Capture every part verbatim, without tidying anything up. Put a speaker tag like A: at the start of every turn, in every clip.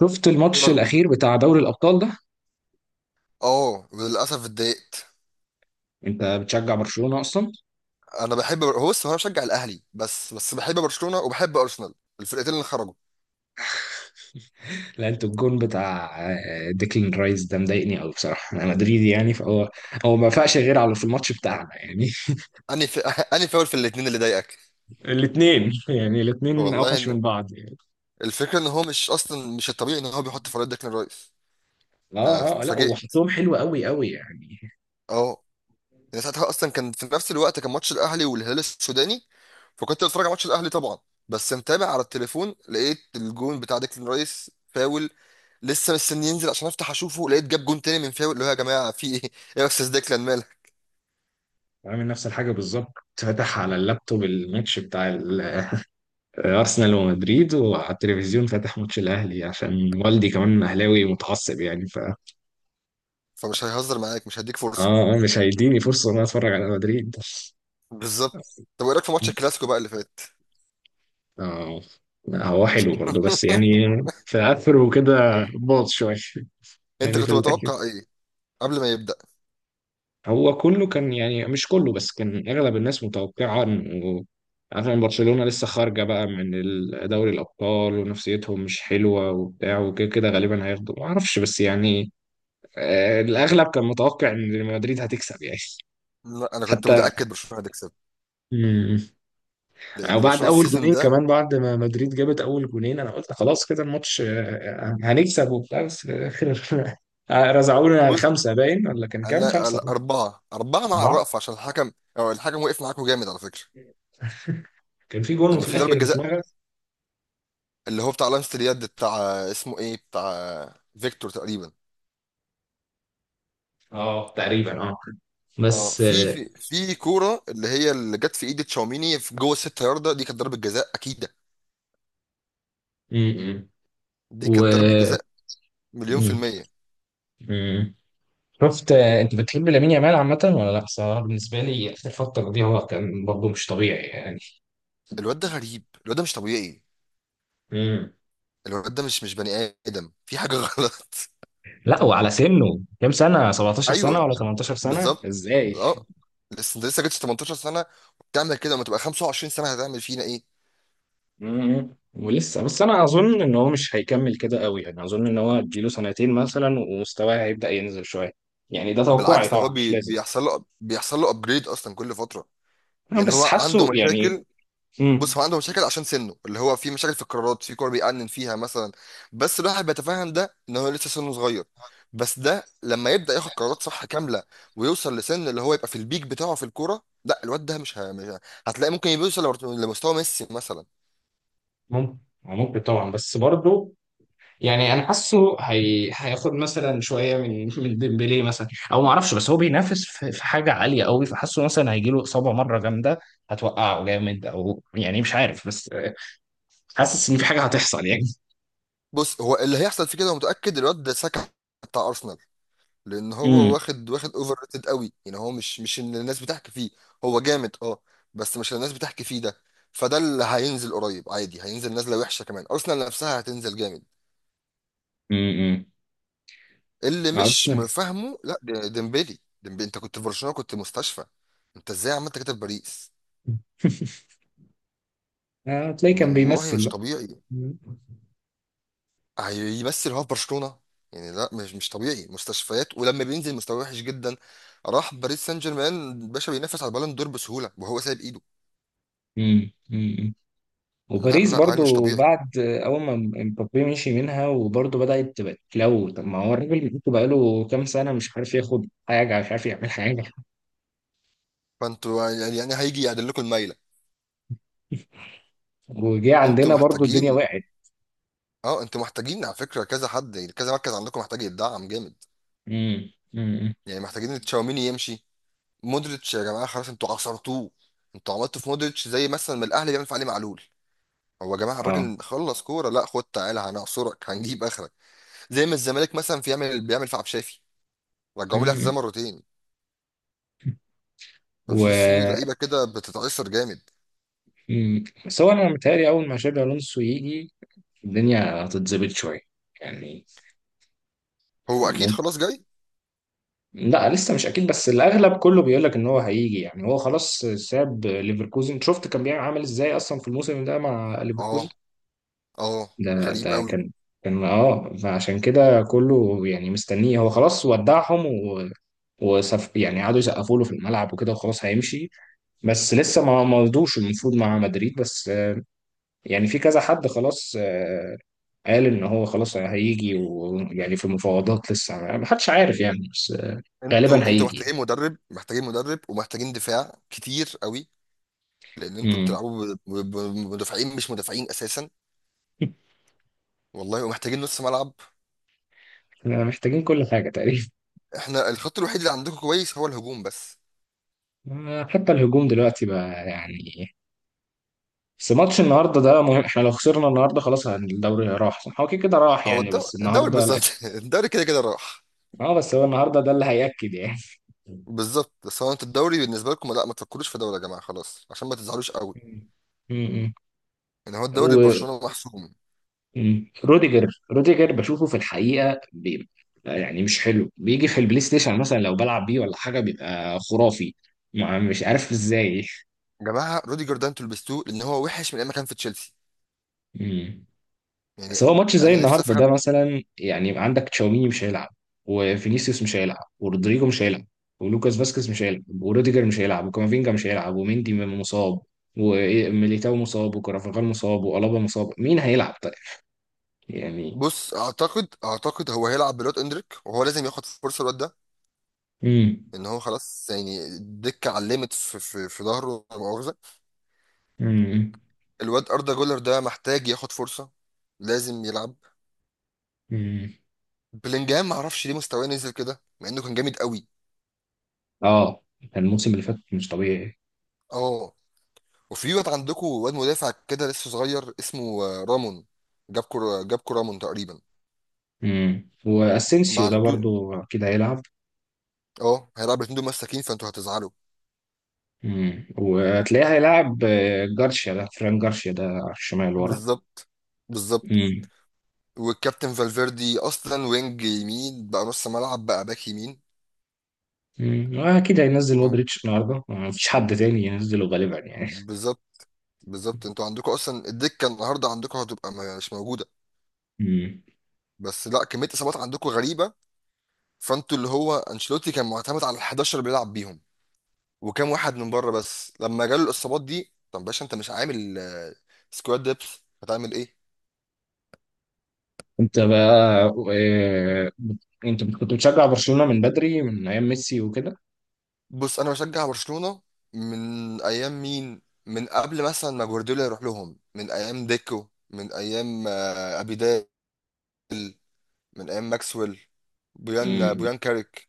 A: شفت
B: ايه
A: الماتش
B: رغم؟
A: الاخير بتاع دوري الابطال ده.
B: اه، للاسف اتضايقت.
A: انت بتشجع برشلونة اصلا؟
B: انا بحب بر- هو بص هو انا بشجع الاهلي، بس بس بحب برشلونه وبحب ارسنال، الفرقتين اللي خرجوا.
A: لا، انت الجون بتاع آه، ديكلان رايس ده مضايقني قوي بصراحة. انا مدريدي يعني، فهو هو ما فاقش غير على في الماتش بتاعنا يعني.
B: انهي في... انهي فاول في الاثنين اللي ضايقك؟
A: الاثنين يعني، الاثنين
B: والله
A: اوحش
B: إن...
A: من بعض يعني.
B: الفكره ان هو مش اصلا مش الطبيعي ان هو بيحط فريق ديكلان رايس. انا
A: اه اه، لا
B: اتفاجئت،
A: وحطهم حلو قوي قوي يعني.
B: اه. يعني ساعتها اصلا كان في نفس الوقت كان ماتش الاهلي والهلال السوداني، فكنت بتفرج على ماتش الاهلي طبعا، بس متابع على التليفون، لقيت الجون بتاع ديكلان رايس فاول. لسه مستني ينزل عشان افتح اشوفه، لقيت جاب جون تاني من فاول، اللي هو يا جماعه في ايه ايه؟ يا استاذ ديكلان، مالك؟
A: عامل نفس الحاجة بالظبط. فتح على اللابتوب الماتش بتاع ال- آه، ارسنال ومدريد، وعلى التلفزيون فاتح ماتش الاهلي عشان والدي كمان اهلاوي متعصب يعني.
B: فمش هيهزر معاك، مش هيديك فرصه.
A: اه آه، مش هيديني فرصة ان انا اتفرج على مدريد.
B: بالظبط. طب ايه رايك في ماتش الكلاسيكو بقى اللي فات؟
A: اه لا، هو حلو برضه بس يعني، في اخره كده باظ شوية
B: انت
A: يعني في
B: كنت
A: الاخر.
B: متوقع ايه قبل ما يبدا؟
A: هو كله كان يعني، مش كله بس كان اغلب الناس متوقعة انه، عشان برشلونة لسه خارجة بقى من ال- دوري الابطال ونفسيتهم مش حلوة وبتاع، وكده كده غالبا هياخدوا ما اعرفش، بس يعني آه، الاغلب كان متوقع ان مدريد هتكسب يعني.
B: لا، انا كنت متاكد برشلونه هتكسب
A: حتى او
B: لان
A: بعد
B: برشلونه
A: اول
B: السيزون
A: جونين،
B: ده.
A: كمان بعد ما مدريد جابت اول جونين، انا قلت خلاص كده الماتش آه، آه، هنكسب وبتاع، بس في الاخر رزعونا
B: بص،
A: خمسه باين، ولا كان كام،
B: انا ال-
A: خمسه
B: اربعه اربعه مع
A: اربعه.
B: الرأفة عشان الحكم. او الحكم وقف معاكم جامد على فكره.
A: كان في جون
B: يعني
A: وفي
B: في ضربه
A: الاخر
B: جزاء،
A: اتلغى.
B: اللي هو بتاع لمسه اليد، بتاع اسمه ايه، بتاع فيكتور تقريبا.
A: اه تقريبا اه.
B: اه،
A: بس
B: في
A: آه،
B: في في كوره اللي هي اللي جت في ايد تشاوميني في جوه الست ياردة، دي كانت ضربه جزاء اكيده.
A: م- م.
B: دي
A: و
B: كانت ضربه جزاء، مليون في
A: م-
B: المية.
A: م. شفت، آه، انت بتحب لامين يامال عامه ولا لا؟ صراحه بالنسبه لي اخر فتره دي هو كان برضه مش طبيعي يعني.
B: الواد ده غريب، الواد ده مش طبيعي،
A: م.
B: الواد ده مش مش بني ادم، في حاجه غلط.
A: لا وعلى سنه، كام سنه؟ سبعتاشر سنه
B: ايوه،
A: ولا ثمانية عشر سنه؟
B: بالظبط،
A: ازاي!
B: اه. لسه انت لسه جبتش تمنتاشر سنه، وبتعمل كده، لما تبقى خمسة وعشرين سنه هتعمل فينا ايه؟
A: مم. ولسه بس. انا اظن ان هو مش هيكمل كده قوي يعني. اظن ان هو اديله سنتين مثلا ومستواه هيبدأ ينزل شويه. يعني ده توقعي
B: بالعكس، ده هو
A: طبعا، مش
B: بي...
A: لازم.
B: بيحصل له بيحصل له ابجريد اصلا كل فتره.
A: انا
B: يعني
A: بس
B: هو عنده
A: حاسه يعني.
B: مشاكل. بص،
A: مم.
B: هو عنده مشاكل عشان سنه، اللي هو في مشاكل في القرارات في كور بيأنن فيها مثلا، بس الواحد بيتفهم ده ان هو لسه سنه صغير. بس ده لما يبدأ ياخد قرارات صح كاملة ويوصل لسن اللي هو يبقى في البيك بتاعه في الكورة، لا الواد ده مش ه- مش ه- هتلاقي ممكن يوصل لمستوى ميسي مثلا.
A: ممكن، ممكن طبعا، بس برضه يعني انا حاسه هي... هياخد مثلا شويه من من ديمبلي مثلا او ما اعرفش، بس هو بينافس في... في حاجه عاليه قوي، فحاسه مثلا هيجي له اصابه مره جامده هتوقعه جامد، او يعني مش عارف، بس حاسس ان في حاجه هتحصل يعني.
B: بص، هو اللي هيحصل فيه كده متأكد الواد ده ساكا بتاع أرسنال. لان هو
A: امم
B: واخد واخد اوفر ريتد قوي، يعني هو مش مش اللي الناس بتحكي فيه. هو جامد، اه، بس مش اللي الناس بتحكي فيه ده، فده اللي هينزل قريب عادي، هينزل نازله وحشه، كمان ارسنال نفسها هتنزل جامد.
A: امم.
B: اللي مش
A: ارسنال.
B: فاهمه، لا، د- ديمبلي ديمبلي انت كنت في برشلونه كنت مستشفى، انت ازاي عملت كده في باريس؟
A: آه، تلاقيه كان
B: والله
A: بيمثل
B: مش
A: بقى.
B: طبيعي. هيمثل هو في برشلونه؟ يعني لا، مش مش طبيعي مستشفيات، ولما بينزل مستواه وحش جدا، راح باريس سان جيرمان باشا بينافس على البالون دور بسهوله وهو سايب ايده.
A: امم امم.
B: لا
A: وباريس
B: لا، عيل مش
A: برضو
B: طبيعي.
A: بعد اول ما مبابي مشي منها وبرضو بدأت تبقى تلو. طب ما هو الراجل بقى بقاله كام سنة مش عارف ياخد حاجة، مش عارف يعمل حاجة.
B: فانتوا يعني يعني هيجي يعدل لكم المايله.
A: وجه
B: انتوا
A: عندنا برضو الدنيا
B: محتاجين،
A: وقعت.
B: اه انتوا محتاجين، على فكره كذا حد، يعني كذا مركز عندكم محتاج يتدعم جامد.
A: امم امم.
B: يعني محتاجين تشاوميني يمشي، مودريتش يا جماعه خلاص انتوا عصرتوه. انتوا عملتوا في مودريتش زي مثلا ما الاهلي بيعمل في علي معلول. هو يا جماعه
A: اه.
B: الراجل خلص كوره، لا خد تعالى هنعصرك هنجيب اخرك. زي ما الزمالك مثلا في يعمل بيعمل في عبد الشافي، رجعوه لي
A: مم.
B: اعتزال مرتين.
A: و
B: ففي في لعيبه كده بتتعصر جامد.
A: مم. بس هو انا متهيألي اول ما شابي الونسو يجي الدنيا هتتظبط شوية يعني.
B: هو اكيد خلاص جاي.
A: لا لسه مش اكيد، بس الاغلب كله بيقول لك ان هو هيجي يعني. هو خلاص ساب ليفركوزن. شفت كان بيعمل عامل ازاي اصلا في الموسم ده مع ليفركوزن؟
B: اه، اه،
A: ده
B: غريب
A: ده
B: قوي.
A: كان، كان اه. فعشان كده كله يعني مستنيه. هو خلاص ودعهم، و وسف يعني قعدوا يسقفوا له في الملعب وكده، وخلاص هيمشي. بس لسه ما ما رضوش. المفروض مع مدريد، بس آه، يعني في كذا حد خلاص آه، قال ان هو خلاص هيجي، ويعني في مفاوضات لسه ما حدش عارف يعني، بس آه، غالبا
B: انتوا انتوا
A: هيجي يعني.
B: محتاجين مدرب، محتاجين مدرب ومحتاجين دفاع كتير قوي. لان انتوا
A: مم.
B: بتلعبوا ب- ب- بمدافعين مش مدافعين اساسا. والله ومحتاجين نص ملعب.
A: احنا محتاجين كل حاجة تقريبا.
B: احنا الخط الوحيد اللي عندكم كويس هو الهجوم بس.
A: آه، حتى الهجوم دلوقتي بقى يعني. بس ماتش النهارده ده مهم، احنا لو خسرنا النهارده خلاص هن- الدوري راح صح؟ هو كده كده راح
B: هو
A: يعني،
B: الدو-
A: بس
B: الدوري
A: النهارده
B: بالظبط.
A: الأكيد.
B: الدوري كده كده راح.
A: اه بس هو النهارده ده اللي هيأكد يعني.
B: بالظبط، بس هو انتوا الدوري بالنسبه لكم لا، ما تفكروش في دوري يا جماعه خلاص عشان ما تزعلوش قوي.
A: مم. مم.
B: ان هو الدوري
A: و
B: برشلونه محسوم.
A: مم. روديجر، روديجر بشوفه في الحقيقة بي... يعني مش حلو، بيجي في البلاي ستيشن مثلا لو بلعب بيه ولا حاجة بيبقى خرافي. ما مش عارف ازاي.
B: يا جماعه روديجر ده انتوا لبستوه، لان هو وحش من ايام ما كان في تشيلسي.
A: مم.
B: يعني
A: بس هو ماتش زي
B: انا نفسي
A: النهارده ده
B: افهم.
A: مثلا، يعني عندك تشاوميني مش هيلعب، وفينيسيوس مش هيلعب، ورودريجو مش هيلعب، ولوكاس فاسكيز مش هيلعب، وروديجر مش هيلعب، وكامافينجا مش هيلعب، وميندي م- مصاب، وميليتاو مصاب، وكرافاخال مصاب، وألابا مصاب. مين هيلعب طيب؟ يعني.
B: بص، اعتقد اعتقد هو هيلعب بالواد اندريك، وهو لازم ياخد فرصه الواد ده.
A: امم
B: ان هو خلاص يعني الدكه علمت في في, في ظهره، لا مؤاخذه.
A: امم
B: الواد اردا جولر ده محتاج ياخد فرصه، لازم يلعب.
A: امم.
B: بلينجهام ما اعرفش ليه مستواه نزل كده مع انه كان جامد قوي.
A: اه كان الموسم اللي فات مش طبيعي.
B: اه. وفي واد عندكم، واد مدافع كده لسه صغير، اسمه آه، رامون. جابكو جابكو رامون تقريبا.
A: امم.
B: ما
A: واسينسيو ده
B: عنده.
A: برضو اكيد هيلعب.
B: اه هيلعب الاتنين دول مساكين، فانتوا هتزعلوا.
A: امم وهتلاقيه هيلعب آه، جارسيا ده، فران جارسيا ده على الشمال ورا.
B: بالظبط، بالظبط.
A: امم.
B: والكابتن فالفيردي اصلا وينج يمين بقى نص ملعب بقى باك يمين.
A: مم. آه، اكيد هينزل
B: اه
A: مودريتش النهارده، ما فيش حد تاني ينزله غالبا يعني.
B: بالظبط، بالظبط. انتوا عندكم اصلا الدكه النهارده عندكم هتبقى ما- مش موجوده،
A: مم.
B: بس لا كميه اصابات عندكم غريبه. فانتوا اللي هو انشيلوتي كان معتمد على ال احداشر اللي بيلعب بيهم، وكام واحد من بره بس، لما جاله الاصابات دي طب باشا انت مش عامل آه، سكواد ديبس، هتعمل ايه؟
A: انت بقى، آه، انت كنت بتشجع برشلونة من بدري، من ايام ميسي وكده.
B: بص انا بشجع برشلونه من ايام مين؟ من قبل مثلا ما جوارديولا يروح لهم، من ايام ديكو، من ايام آه، ابيدال، من ايام ماكسويل، بويان، آه،
A: مم.
B: بويان كاريك،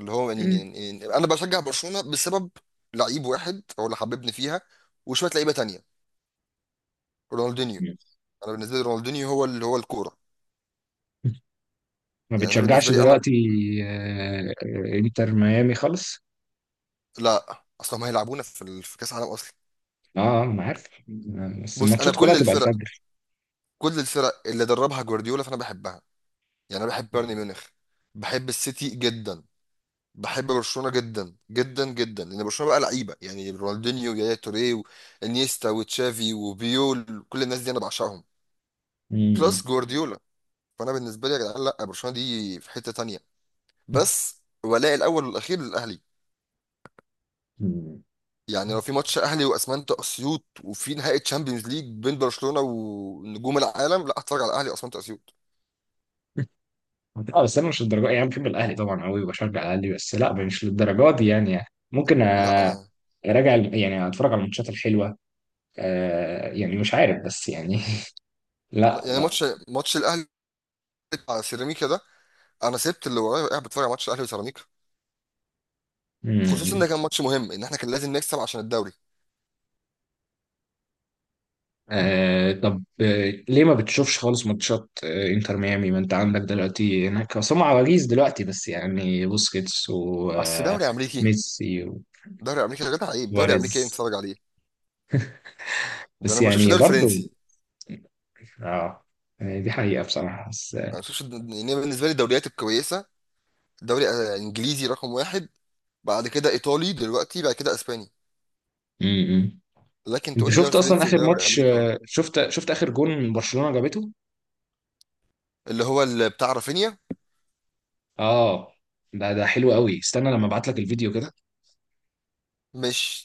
B: اللي هو يعني
A: مم.
B: يعني- يعني انا بشجع برشلونه بسبب لعيب واحد هو اللي حببني فيها، وشويه لعيبه تانية، رونالدينيو. انا بالنسبه لي رونالدينيو هو اللي هو الكوره.
A: ما
B: يعني انا بالنسبه
A: بتشجعش
B: لي انا
A: دلوقتي؟ آه، آه، انتر ميامي خالص.
B: لا اصلا، ما هيلعبونا في ال- في كاس العالم اصلا.
A: اه آه، انا عارف. آه، بس
B: بص انا
A: الماتشات كلها
B: كل
A: تبقى
B: الفرق،
A: الفجر.
B: كل الفرق اللي دربها جوارديولا فانا بحبها. يعني انا بحب بايرن ميونخ، بحب السيتي جدا، بحب برشلونه جدا جدا جدا، لان برشلونه بقى لعيبه، يعني رونالدينيو ويايا توريه وانيستا وتشافي وبيول، كل الناس دي انا بعشقهم.
A: مم.
B: بلس جوارديولا. فانا بالنسبه لي يا جدعان لا برشلونه دي في حته تانية، بس ولاء الاول والاخير للاهلي.
A: مم.
B: يعني لو في ماتش اهلي واسمنت اسيوط وفي نهائي تشامبيونز ليج بين برشلونه ونجوم العالم، لا اتفرج على الاهلي واسمنت اسيوط.
A: لا بس انا مش للدرجه يعني. بحب الاهلي طبعا قوي وبشجع الاهلي، بس لا مش للدرجه دي يعني يعني ممكن
B: لا
A: أ-
B: انا،
A: اراجع الم- يعني اتفرج على الماتشات الحلوه. آه يعني مش عارف، بس يعني
B: لا،
A: لا
B: يعني
A: لا.
B: ماتش ماتش الاهلي بتاع سيراميكا ده، انا سبت اللي ورايا وقاعد بتفرج على ماتش الاهلي وسيراميكا، خصوصا ان
A: مم.
B: ده كان ماتش مهم، ان احنا كان لازم نكسب عشان الدوري.
A: آه طب آه ليه ما بتشوفش خالص ماتشات آه انتر ميامي، ما انت عندك دلوقتي هناك اصلا عواجيز دلوقتي بس يعني، بوسكيتس
B: اصل دوري امريكي،
A: وميسي
B: دوري امريكي يا جدع عيب، دوري امريكي ايه
A: وسواريز.
B: نتفرج عليه؟ ده
A: بس
B: انا ما بشوفش
A: يعني
B: دوري
A: برضو
B: فرنسي.
A: اه آه، دي حقيقة بصراحة، بس آه،
B: انا ما بشوفش، يعني بالنسبه لي الدوريات الكويسه دوري آه، انجليزي رقم واحد، بعد كده ايطالي دلوقتي، بعد كده اسباني.
A: مم.
B: لكن
A: انت
B: تقول لي دوري
A: شفت اصلا
B: فرنسي
A: اخر
B: ودوري
A: ماتش،
B: امريكا؟
A: آه، شفت شفت اخر جون برشلونة جابته؟
B: اللي هو اللي بتاع رافينيا.
A: اه ده ده حلو قوي، استنى لما ابعت لك الفيديو كده.
B: مش